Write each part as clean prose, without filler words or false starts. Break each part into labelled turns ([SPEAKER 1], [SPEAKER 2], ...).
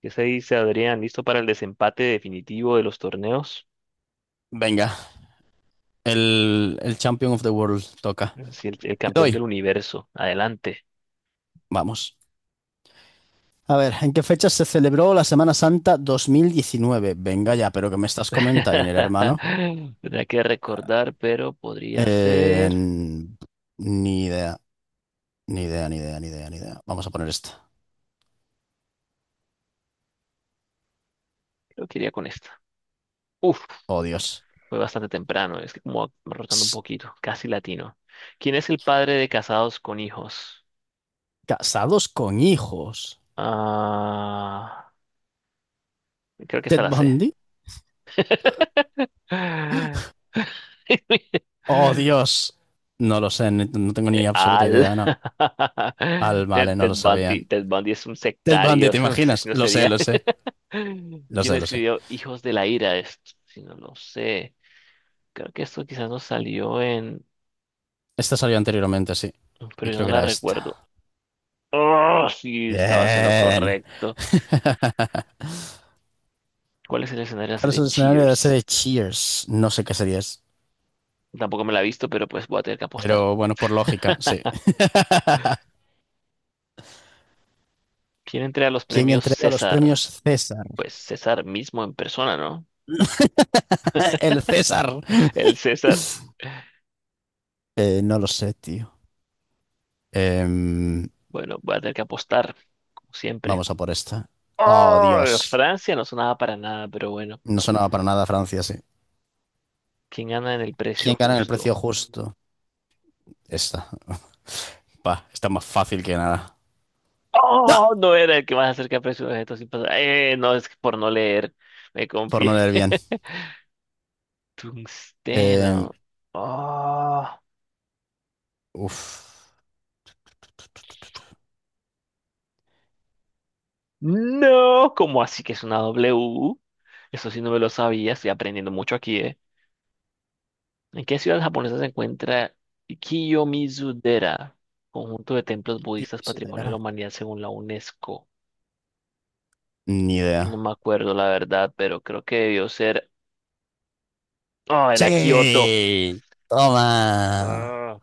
[SPEAKER 1] ¿Qué se dice, Adrián? ¿Listo para el desempate definitivo de los torneos?
[SPEAKER 2] Venga, el Champion of the World toca.
[SPEAKER 1] Sí, el
[SPEAKER 2] Le
[SPEAKER 1] campeón
[SPEAKER 2] doy.
[SPEAKER 1] del universo. Adelante.
[SPEAKER 2] Vamos. A ver, ¿en qué fecha se celebró la Semana Santa 2019? Venga ya, ¿pero que me estás comentando, hermano?
[SPEAKER 1] Tendría que recordar, pero podría
[SPEAKER 2] Eh,
[SPEAKER 1] ser.
[SPEAKER 2] ni idea, ni idea, ni idea, ni idea, ni idea. Vamos a poner esta.
[SPEAKER 1] Creo que iría con esta. Uf,
[SPEAKER 2] Oh, Dios.
[SPEAKER 1] fue bastante temprano. Es que como rotando un
[SPEAKER 2] Ps,
[SPEAKER 1] poquito. Casi latino. ¿Quién es el padre de casados con hijos?
[SPEAKER 2] Casados con hijos.
[SPEAKER 1] Ah, creo que esta
[SPEAKER 2] ¿Ted
[SPEAKER 1] la sé.
[SPEAKER 2] Bundy? Oh, Dios. No lo sé, no tengo ni absoluta
[SPEAKER 1] Al.
[SPEAKER 2] idea, no. Al, vale, no lo
[SPEAKER 1] Ted
[SPEAKER 2] sabían.
[SPEAKER 1] Bundy, Ted Bundy es un
[SPEAKER 2] Ted Bundy,
[SPEAKER 1] sectario,
[SPEAKER 2] ¿te
[SPEAKER 1] es un
[SPEAKER 2] imaginas?
[SPEAKER 1] asesino
[SPEAKER 2] Lo sé,
[SPEAKER 1] serial.
[SPEAKER 2] lo sé. Lo
[SPEAKER 1] ¿Quién
[SPEAKER 2] sé, lo sé.
[SPEAKER 1] escribió Hijos de la Ira? Esto, si no lo sé. Creo que esto quizás nos salió en...
[SPEAKER 2] Esta salió anteriormente, sí. Y
[SPEAKER 1] Pero yo
[SPEAKER 2] creo
[SPEAKER 1] no
[SPEAKER 2] que
[SPEAKER 1] la
[SPEAKER 2] era
[SPEAKER 1] recuerdo.
[SPEAKER 2] esta.
[SPEAKER 1] Oh, sí, estabas en lo
[SPEAKER 2] Bien.
[SPEAKER 1] correcto. ¿Cuál es el escenario de la
[SPEAKER 2] ¿Cuál es
[SPEAKER 1] serie
[SPEAKER 2] el escenario de la
[SPEAKER 1] Cheers?
[SPEAKER 2] serie Cheers? No sé qué serie es.
[SPEAKER 1] Tampoco me la he visto, pero pues voy a tener que apostar.
[SPEAKER 2] Pero bueno, por lógica, sí.
[SPEAKER 1] ¿Quién entrega los
[SPEAKER 2] ¿Quién
[SPEAKER 1] premios
[SPEAKER 2] entrega los premios
[SPEAKER 1] César?
[SPEAKER 2] César?
[SPEAKER 1] Pues César mismo en persona, ¿no?
[SPEAKER 2] El César.
[SPEAKER 1] El César.
[SPEAKER 2] No lo sé, tío. Em,
[SPEAKER 1] Bueno, voy a tener que apostar, como siempre.
[SPEAKER 2] vamos a por esta. Oh,
[SPEAKER 1] Oh,
[SPEAKER 2] Dios.
[SPEAKER 1] Francia no sonaba para nada, pero bueno.
[SPEAKER 2] No sonaba para nada Francia, sí.
[SPEAKER 1] ¿Quién gana en el precio
[SPEAKER 2] ¿Quién gana en el precio
[SPEAKER 1] justo?
[SPEAKER 2] justo? Esta. Pa, está más fácil que nada. ¡Ah!
[SPEAKER 1] Oh, no era el que más acerca al precio de objetos sin pasar. No, es que por no leer. Me
[SPEAKER 2] Por no
[SPEAKER 1] confié.
[SPEAKER 2] leer bien. Em,
[SPEAKER 1] Tungsteno. Oh,
[SPEAKER 2] uf.
[SPEAKER 1] no. ¿Cómo así que es una W? Eso sí no me lo sabía. Estoy aprendiendo mucho aquí, ¿eh? ¿En qué ciudad japonesa se encuentra Kiyomizu-dera? Conjunto de templos
[SPEAKER 2] ¿Quién
[SPEAKER 1] budistas patrimonio de la
[SPEAKER 2] será?
[SPEAKER 1] humanidad según la UNESCO.
[SPEAKER 2] Ni
[SPEAKER 1] No
[SPEAKER 2] idea.
[SPEAKER 1] me acuerdo la verdad, pero creo que debió ser. Oh, era Kioto.
[SPEAKER 2] Sí, toma.
[SPEAKER 1] Ah,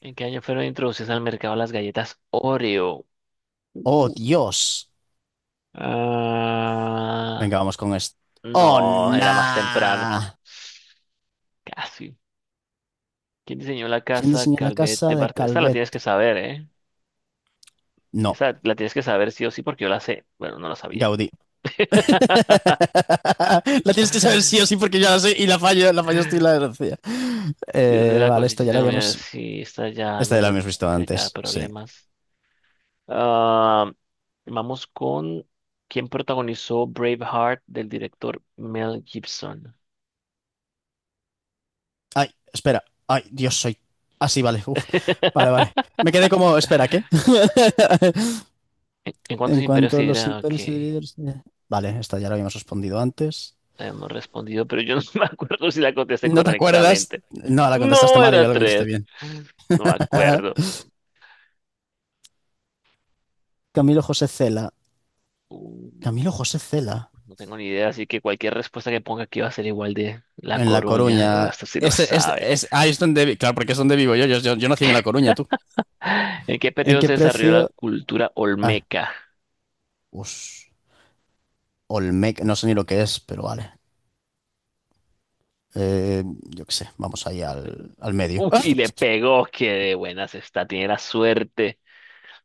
[SPEAKER 1] ¿En qué año fueron introducidas al mercado las galletas Oreo?
[SPEAKER 2] Oh,
[SPEAKER 1] Uy.
[SPEAKER 2] Dios.
[SPEAKER 1] Ah,
[SPEAKER 2] Venga, vamos con esto. Oh,
[SPEAKER 1] no, era más temprano.
[SPEAKER 2] nah.
[SPEAKER 1] Casi. ¿Quién diseñó la
[SPEAKER 2] ¿Quién
[SPEAKER 1] casa
[SPEAKER 2] diseñó la
[SPEAKER 1] Calvet
[SPEAKER 2] casa
[SPEAKER 1] de
[SPEAKER 2] de
[SPEAKER 1] Bart? Esta la
[SPEAKER 2] Calvet?
[SPEAKER 1] tienes que saber, ¿eh?
[SPEAKER 2] No,
[SPEAKER 1] Esta la tienes que saber sí o sí porque yo la sé. Bueno, no la sabía.
[SPEAKER 2] Gaudí. La tienes que saber sí o sí porque ya la sé y la fallo, la fallo, estoy la desgracia.
[SPEAKER 1] Dios de la
[SPEAKER 2] Vale, esta
[SPEAKER 1] cosecha
[SPEAKER 2] ya
[SPEAKER 1] se
[SPEAKER 2] la
[SPEAKER 1] comía.
[SPEAKER 2] habíamos...
[SPEAKER 1] Sí, esta ya
[SPEAKER 2] Esta ya la habíamos visto
[SPEAKER 1] no te queda
[SPEAKER 2] antes, sí.
[SPEAKER 1] problemas. Ah, vamos con quién protagonizó Braveheart del director Mel Gibson.
[SPEAKER 2] Ay, espera. Ay, Dios, soy... Ah, sí, vale. Uf. Vale, vale. Me quedé como... Espera, ¿qué?
[SPEAKER 1] ¿En cuántos
[SPEAKER 2] En
[SPEAKER 1] imperios
[SPEAKER 2] cuanto
[SPEAKER 1] se
[SPEAKER 2] a los
[SPEAKER 1] dirá? Ok,
[SPEAKER 2] imperios se dividen... Vale, esta ya la habíamos respondido antes.
[SPEAKER 1] la hemos respondido, pero yo no me acuerdo si la contesté
[SPEAKER 2] ¿No te acuerdas?
[SPEAKER 1] correctamente.
[SPEAKER 2] No, la contestaste
[SPEAKER 1] No,
[SPEAKER 2] mal y
[SPEAKER 1] era
[SPEAKER 2] yo la contesté
[SPEAKER 1] tres.
[SPEAKER 2] bien.
[SPEAKER 1] No me acuerdo.
[SPEAKER 2] Camilo José Cela.
[SPEAKER 1] Uh,
[SPEAKER 2] Camilo José Cela.
[SPEAKER 1] no tengo ni idea, así que cualquier respuesta que ponga aquí va a ser igual de La
[SPEAKER 2] En La
[SPEAKER 1] Coruña.
[SPEAKER 2] Coruña.
[SPEAKER 1] Hasta si lo
[SPEAKER 2] Es,
[SPEAKER 1] sabe.
[SPEAKER 2] es, ahí es donde... Claro, porque es donde vivo yo. Yo nací en La Coruña, tú.
[SPEAKER 1] ¿En qué
[SPEAKER 2] ¿En
[SPEAKER 1] periodo
[SPEAKER 2] qué
[SPEAKER 1] se desarrolló la
[SPEAKER 2] precio?
[SPEAKER 1] cultura
[SPEAKER 2] Ay,
[SPEAKER 1] olmeca?
[SPEAKER 2] us, Olmec. No sé ni lo que es, pero vale. Eh, yo qué sé. Vamos ahí al medio.
[SPEAKER 1] Uf, y le pegó, que de buenas está, tiene la suerte,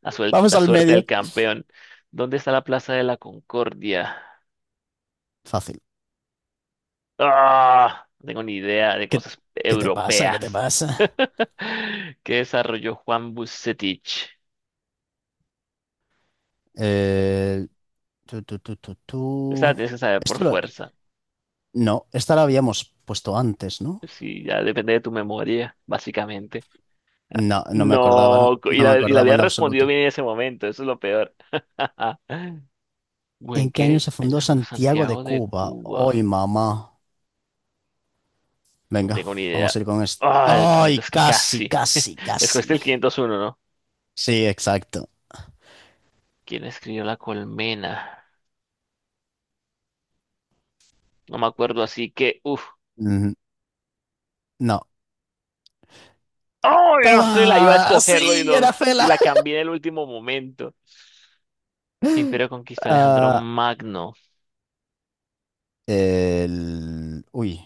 [SPEAKER 2] Vamos
[SPEAKER 1] la
[SPEAKER 2] al
[SPEAKER 1] suerte
[SPEAKER 2] medio.
[SPEAKER 1] del campeón. ¿Dónde está la Plaza de la Concordia?
[SPEAKER 2] Fácil.
[SPEAKER 1] Ah, no tengo ni idea de
[SPEAKER 2] ¿Qué,
[SPEAKER 1] cosas
[SPEAKER 2] qué te pasa? ¿Qué te
[SPEAKER 1] europeas.
[SPEAKER 2] pasa?
[SPEAKER 1] ¿Qué desarrolló Juan Bucetich?
[SPEAKER 2] Eh, Tú, tú, tú, tú,
[SPEAKER 1] Esa la
[SPEAKER 2] tú.
[SPEAKER 1] tienes que saber por
[SPEAKER 2] Esto lo-
[SPEAKER 1] fuerza.
[SPEAKER 2] No, esta la habíamos puesto antes, ¿no?
[SPEAKER 1] Sí, ya depende de tu memoria, básicamente. Ah,
[SPEAKER 2] No, no me acordaba, no.
[SPEAKER 1] no,
[SPEAKER 2] No me
[SPEAKER 1] y la
[SPEAKER 2] acordaba
[SPEAKER 1] había
[SPEAKER 2] en lo
[SPEAKER 1] respondido
[SPEAKER 2] absoluto.
[SPEAKER 1] bien en ese momento, eso es lo peor. ¿O en
[SPEAKER 2] ¿En qué año
[SPEAKER 1] qué
[SPEAKER 2] se
[SPEAKER 1] año
[SPEAKER 2] fundó
[SPEAKER 1] se fundó
[SPEAKER 2] Santiago de
[SPEAKER 1] Santiago de
[SPEAKER 2] Cuba? Hoy,
[SPEAKER 1] Cuba?
[SPEAKER 2] mamá.
[SPEAKER 1] No
[SPEAKER 2] Venga,
[SPEAKER 1] tengo ni
[SPEAKER 2] vamos a
[SPEAKER 1] idea.
[SPEAKER 2] ir con esto.
[SPEAKER 1] Ah, el
[SPEAKER 2] ¡Ay,
[SPEAKER 1] 500, que
[SPEAKER 2] casi,
[SPEAKER 1] casi.
[SPEAKER 2] casi,
[SPEAKER 1] Escogiste
[SPEAKER 2] casi!
[SPEAKER 1] el 501, ¿no?
[SPEAKER 2] Sí, exacto.
[SPEAKER 1] ¿Quién escribió La Colmena? No me acuerdo, así que, uff.
[SPEAKER 2] Mm, no.
[SPEAKER 1] ¡Oh! Yo no sé, la iba a
[SPEAKER 2] ¡Toma!
[SPEAKER 1] escogerlo
[SPEAKER 2] ¡Sí, era
[SPEAKER 1] y
[SPEAKER 2] Fela!
[SPEAKER 1] la cambié en el último momento. ¿Qué imperio conquistó Alejandro
[SPEAKER 2] Ah,
[SPEAKER 1] Magno?
[SPEAKER 2] el...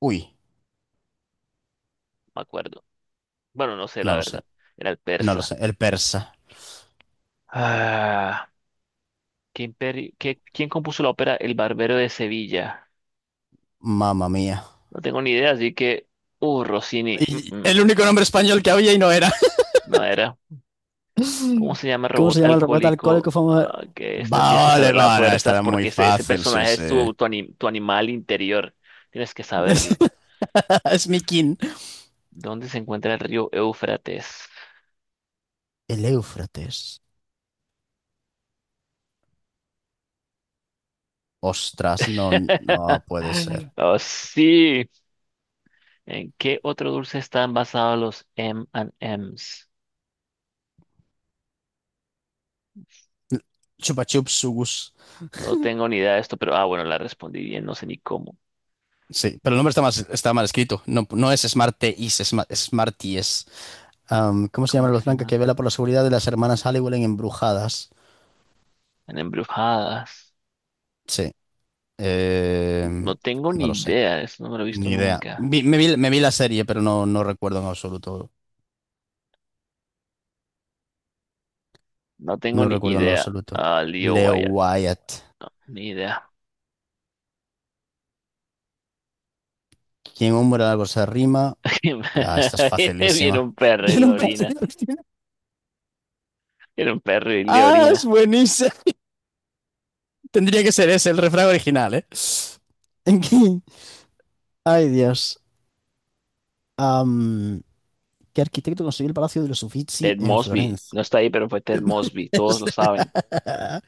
[SPEAKER 2] uy,
[SPEAKER 1] Me acuerdo. Bueno, no sé,
[SPEAKER 2] no
[SPEAKER 1] la
[SPEAKER 2] lo sé,
[SPEAKER 1] verdad. Era el
[SPEAKER 2] no lo
[SPEAKER 1] persa.
[SPEAKER 2] sé. El persa.
[SPEAKER 1] Ah, quién compuso la ópera El Barbero de Sevilla?
[SPEAKER 2] Mamma mía.
[SPEAKER 1] No tengo ni idea, así que, Rossini.
[SPEAKER 2] Y el único nombre español que había y no era.
[SPEAKER 1] No era. ¿Cómo se llama el
[SPEAKER 2] ¿Cómo se
[SPEAKER 1] robot
[SPEAKER 2] llama el robot
[SPEAKER 1] alcohólico?
[SPEAKER 2] alcohólico famoso?
[SPEAKER 1] Ah, que esta tienes que
[SPEAKER 2] Vale,
[SPEAKER 1] saber las
[SPEAKER 2] vale,
[SPEAKER 1] fuerzas
[SPEAKER 2] estará muy
[SPEAKER 1] porque ese
[SPEAKER 2] fácil, sí,
[SPEAKER 1] personaje
[SPEAKER 2] sí.
[SPEAKER 1] es tu, tu animal interior. Tienes que saberlo.
[SPEAKER 2] Es mi
[SPEAKER 1] ¿Dónde se encuentra el río Éufrates?
[SPEAKER 2] El Éufrates. Ostras, no, no puede ser.
[SPEAKER 1] Oh, sí. ¿En qué otro dulce están basados los M and M's?
[SPEAKER 2] Chupa chup sugus.
[SPEAKER 1] No tengo ni idea de esto, pero ah, bueno, la respondí bien, no sé ni cómo.
[SPEAKER 2] Sí, pero el nombre está mal escrito. No, no es Smarties, es Smarties. Am, ¿cómo se llama
[SPEAKER 1] ¿Cómo
[SPEAKER 2] la luz
[SPEAKER 1] se
[SPEAKER 2] blanca que
[SPEAKER 1] llama?
[SPEAKER 2] vela por la seguridad de las hermanas Halliwell en Embrujadas?
[SPEAKER 1] En embrujadas.
[SPEAKER 2] Sí. eh,
[SPEAKER 1] No tengo
[SPEAKER 2] no
[SPEAKER 1] ni
[SPEAKER 2] lo sé.
[SPEAKER 1] idea, eso no me lo he visto
[SPEAKER 2] Ni idea.
[SPEAKER 1] nunca.
[SPEAKER 2] Me vi la serie, pero no, no recuerdo en absoluto.
[SPEAKER 1] No tengo
[SPEAKER 2] No
[SPEAKER 1] ni
[SPEAKER 2] recuerdo en lo
[SPEAKER 1] idea.
[SPEAKER 2] absoluto.
[SPEAKER 1] Ah, Leo
[SPEAKER 2] Leo
[SPEAKER 1] Wyatt,
[SPEAKER 2] Wyatt.
[SPEAKER 1] ni idea.
[SPEAKER 2] ¿Quién hombre algo se arrima? Ah, esta es
[SPEAKER 1] Viene
[SPEAKER 2] facilísima.
[SPEAKER 1] un perro y le
[SPEAKER 2] Bien,
[SPEAKER 1] orina. Viene un perro y le
[SPEAKER 2] Ah, es
[SPEAKER 1] orina.
[SPEAKER 2] buenísima. Tendría que ser ese, el refrán original, ¿eh? ¿En qué? Ay, Dios. Am, ¿qué arquitecto construyó el Palacio de los Uffizi
[SPEAKER 1] Ted
[SPEAKER 2] en
[SPEAKER 1] Mosby. No
[SPEAKER 2] Florencia?
[SPEAKER 1] está ahí, pero fue Ted Mosby. Todos lo saben.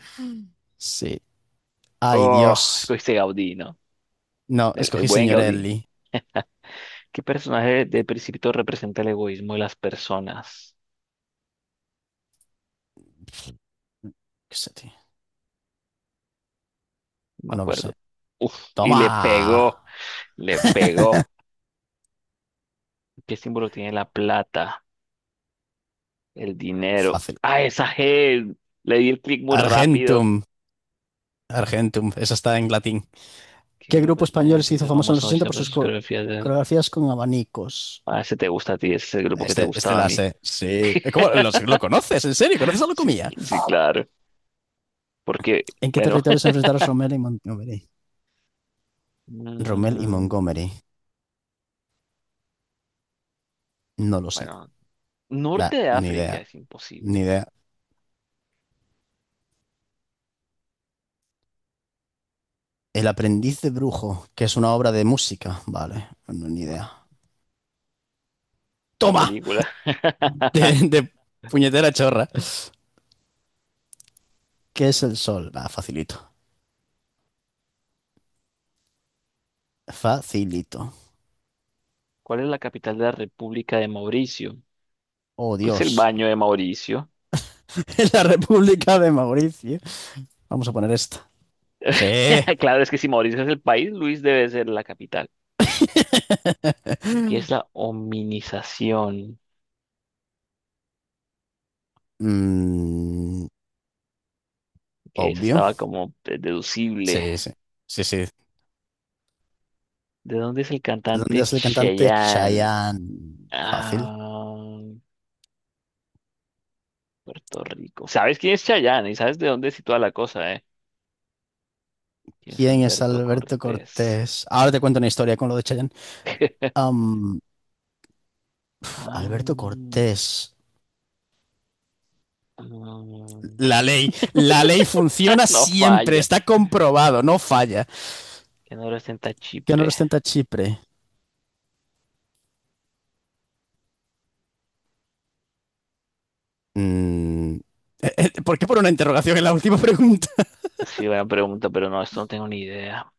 [SPEAKER 2] Sí. Ay,
[SPEAKER 1] Oh,
[SPEAKER 2] Dios.
[SPEAKER 1] escogiste Gaudí, ¿no?
[SPEAKER 2] No,
[SPEAKER 1] El
[SPEAKER 2] escogí
[SPEAKER 1] buen
[SPEAKER 2] señor
[SPEAKER 1] Gaudí.
[SPEAKER 2] Ellie.
[SPEAKER 1] ¿Qué personaje de Principito representa el egoísmo de las personas?
[SPEAKER 2] ¿Qué sé, tío?
[SPEAKER 1] No me
[SPEAKER 2] No lo sé.
[SPEAKER 1] acuerdo. Uf, y le pegó.
[SPEAKER 2] ¡Toma!
[SPEAKER 1] Le pegó. ¿Qué símbolo tiene la plata? El dinero.
[SPEAKER 2] Fácil.
[SPEAKER 1] ¡Ah, esa G! Le di el clic muy rápido.
[SPEAKER 2] Argentum. Argentum. Esa está en latín.
[SPEAKER 1] ¿Qué
[SPEAKER 2] ¿Qué
[SPEAKER 1] grupo
[SPEAKER 2] grupo
[SPEAKER 1] español
[SPEAKER 2] español
[SPEAKER 1] se
[SPEAKER 2] se hizo
[SPEAKER 1] hizo
[SPEAKER 2] famoso en los
[SPEAKER 1] famoso?
[SPEAKER 2] 80
[SPEAKER 1] Noche,
[SPEAKER 2] por
[SPEAKER 1] pues
[SPEAKER 2] sus
[SPEAKER 1] sus coreografías de...
[SPEAKER 2] coreografías con abanicos?
[SPEAKER 1] Ah, ese te gusta a ti, ese es el grupo que te
[SPEAKER 2] Este
[SPEAKER 1] gustaba a
[SPEAKER 2] la
[SPEAKER 1] mí.
[SPEAKER 2] sé. Sí. ¿Cómo lo conoces? ¿En serio? ¿Conoces a
[SPEAKER 1] Sí,
[SPEAKER 2] Locomía?
[SPEAKER 1] sí, claro. Porque,
[SPEAKER 2] ¿En qué
[SPEAKER 1] bueno,
[SPEAKER 2] territorio se enfrentaron Rommel y Montgomery? Rommel y
[SPEAKER 1] mm,
[SPEAKER 2] Montgomery. No lo sé.
[SPEAKER 1] bueno,
[SPEAKER 2] Nah,
[SPEAKER 1] norte de
[SPEAKER 2] ni idea.
[SPEAKER 1] África es
[SPEAKER 2] Ni
[SPEAKER 1] imposible,
[SPEAKER 2] idea. El aprendiz de brujo, que es una obra de música. Vale. No, ni
[SPEAKER 1] ¿no?
[SPEAKER 2] idea.
[SPEAKER 1] La
[SPEAKER 2] ¡Toma!
[SPEAKER 1] película.
[SPEAKER 2] De puñetera chorra. ¿Qué es el sol? Va, facilito. Facilito.
[SPEAKER 1] ¿Cuál es la capital de la República de Mauricio?
[SPEAKER 2] Oh,
[SPEAKER 1] Pues el
[SPEAKER 2] Dios.
[SPEAKER 1] baño de Mauricio.
[SPEAKER 2] En la República de Mauricio. Vamos a poner esta. Sí.
[SPEAKER 1] Claro, es que si Mauricio es el país, Luis debe ser la capital. ¿Qué es la hominización?
[SPEAKER 2] Mm,
[SPEAKER 1] Que eso
[SPEAKER 2] obvio.
[SPEAKER 1] estaba como deducible.
[SPEAKER 2] Sí, sí. Sí, sí. ¿De
[SPEAKER 1] ¿De dónde es el
[SPEAKER 2] dónde
[SPEAKER 1] cantante
[SPEAKER 2] es el cantante
[SPEAKER 1] Cheyenne?
[SPEAKER 2] Chayanne? Fácil.
[SPEAKER 1] Ah, Puerto Rico. ¿Sabes quién es Cheyenne Y sabes de dónde es toda la cosa, ¿eh? ¿Quién es
[SPEAKER 2] ¿Quién es
[SPEAKER 1] Alberto
[SPEAKER 2] Alberto
[SPEAKER 1] Cortés?
[SPEAKER 2] Cortés? Ahora te cuento una historia con lo de Chayanne. Am, uf,
[SPEAKER 1] Ah,
[SPEAKER 2] Alberto
[SPEAKER 1] mm,
[SPEAKER 2] Cortés. La ley. La ley funciona
[SPEAKER 1] no
[SPEAKER 2] siempre.
[SPEAKER 1] falla.
[SPEAKER 2] Está comprobado. No falla.
[SPEAKER 1] ¿Qué no representa
[SPEAKER 2] ¿Qué honor
[SPEAKER 1] Chipre?
[SPEAKER 2] ostenta Chipre? Mm, ¿Por qué por una interrogación en la última pregunta?
[SPEAKER 1] Sí, buena pregunta, pero no, esto no tengo ni idea.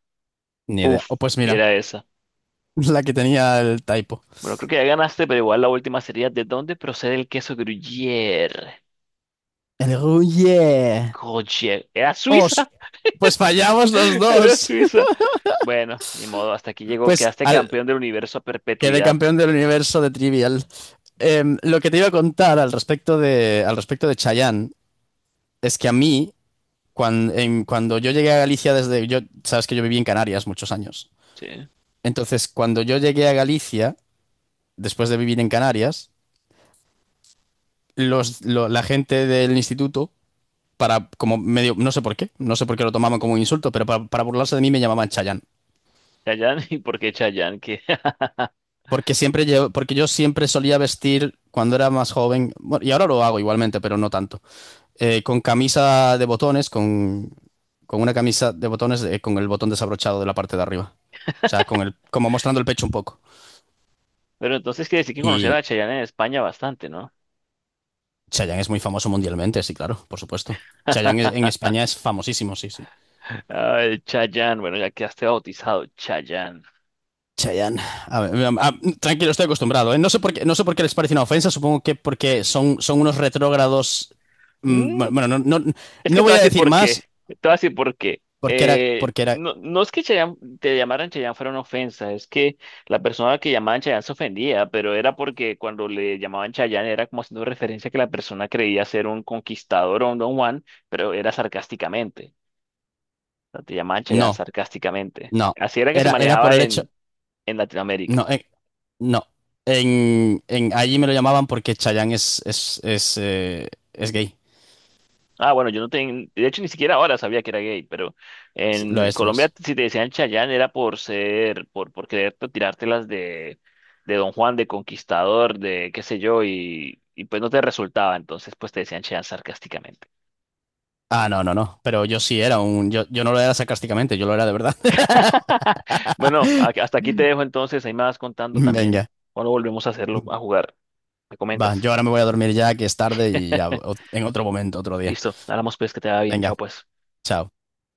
[SPEAKER 2] Ni idea.
[SPEAKER 1] Uf,
[SPEAKER 2] O pues
[SPEAKER 1] y
[SPEAKER 2] mira,
[SPEAKER 1] era esa.
[SPEAKER 2] la que tenía el typo.
[SPEAKER 1] Bueno, creo que ya ganaste, pero igual la última sería ¿de dónde procede el queso Gruyère?
[SPEAKER 2] El oh yeah.
[SPEAKER 1] Gruyère. ¿Era
[SPEAKER 2] Os.
[SPEAKER 1] Suiza?
[SPEAKER 2] Pues fallamos los
[SPEAKER 1] Era
[SPEAKER 2] dos.
[SPEAKER 1] Suiza. Bueno, ni modo, hasta aquí llegó.
[SPEAKER 2] Pues
[SPEAKER 1] Quedaste
[SPEAKER 2] al,
[SPEAKER 1] campeón del universo a
[SPEAKER 2] quedé
[SPEAKER 1] perpetuidad.
[SPEAKER 2] campeón del universo de Trivial. Em, lo que te iba a contar al respecto de Chayanne es que a mí, cuando, cuando yo llegué a Galicia desde... Yo, sabes que yo viví en Canarias muchos años.
[SPEAKER 1] Sí.
[SPEAKER 2] Entonces, cuando yo llegué a Galicia, después de vivir en Canarias, la gente del instituto para como medio, no sé por qué, no sé por qué lo tomaban como un insulto, pero para burlarse de mí me llamaban Chayanne.
[SPEAKER 1] Chayanne, ¿y por qué Chayanne? ¿Qué?
[SPEAKER 2] Porque siempre yo, porque yo siempre solía vestir cuando era más joven, bueno, y ahora lo hago igualmente, pero no tanto, eh, con camisa de botones, con, con una camisa de botones con el botón desabrochado de la parte de arriba. O sea, como mostrando el pecho un poco.
[SPEAKER 1] Pero entonces quiere decir que conocer
[SPEAKER 2] Y
[SPEAKER 1] a Chayanne en España bastante, ¿no?
[SPEAKER 2] Chayanne es muy famoso mundialmente, sí, claro, por supuesto. Chayanne en España es famosísimo, sí, sí.
[SPEAKER 1] Ay, Chayanne, bueno, ya quedaste bautizado, Chayanne.
[SPEAKER 2] Chayanne. A ver, a- tranquilo, estoy acostumbrado, ¿eh? No sé por qué, no sé por qué les parece una ofensa. Supongo que porque son unos retrógrados. Bueno,
[SPEAKER 1] Mm,
[SPEAKER 2] bueno, no, no,
[SPEAKER 1] es que
[SPEAKER 2] no
[SPEAKER 1] te voy a
[SPEAKER 2] voy a
[SPEAKER 1] decir
[SPEAKER 2] decir
[SPEAKER 1] por qué,
[SPEAKER 2] más
[SPEAKER 1] te voy a decir por qué.
[SPEAKER 2] porque era, porque era.
[SPEAKER 1] No, no es que te llamaran Chayanne fuera una ofensa, es que la persona que llamaban Chayanne se ofendía, pero era porque cuando le llamaban Chayanne era como haciendo referencia a que la persona creía ser un conquistador o un Don Juan, pero era sarcásticamente. O sea, te llamaban Chayanne
[SPEAKER 2] No,
[SPEAKER 1] sarcásticamente.
[SPEAKER 2] no.
[SPEAKER 1] Así era que se
[SPEAKER 2] Era, era por
[SPEAKER 1] manejaba
[SPEAKER 2] el hecho.
[SPEAKER 1] en Latinoamérica.
[SPEAKER 2] No, no. Allí me lo llamaban porque Chayanne es gay.
[SPEAKER 1] Ah, bueno, yo no tengo, de hecho ni siquiera ahora sabía que era gay, pero
[SPEAKER 2] Sí, lo
[SPEAKER 1] en
[SPEAKER 2] es, lo
[SPEAKER 1] Colombia
[SPEAKER 2] es.
[SPEAKER 1] si te decían Chayán era por ser, por querer tirártelas de Don Juan, de Conquistador, de qué sé yo, y pues no te resultaba, entonces pues te decían Chayán sarcásticamente.
[SPEAKER 2] Ah, no, no, no. Pero yo sí era un. Yo no lo era sarcásticamente, yo lo era de verdad.
[SPEAKER 1] Bueno, hasta aquí te dejo entonces, ahí me vas contando también
[SPEAKER 2] Venga.
[SPEAKER 1] cuando volvemos a hacerlo, a jugar, me
[SPEAKER 2] Va,
[SPEAKER 1] comentas.
[SPEAKER 2] yo ahora me voy a dormir ya, que es tarde y ya en otro momento, otro día.
[SPEAKER 1] Listo, hablamos pues que te va bien, chao
[SPEAKER 2] Venga,
[SPEAKER 1] pues.
[SPEAKER 2] chao.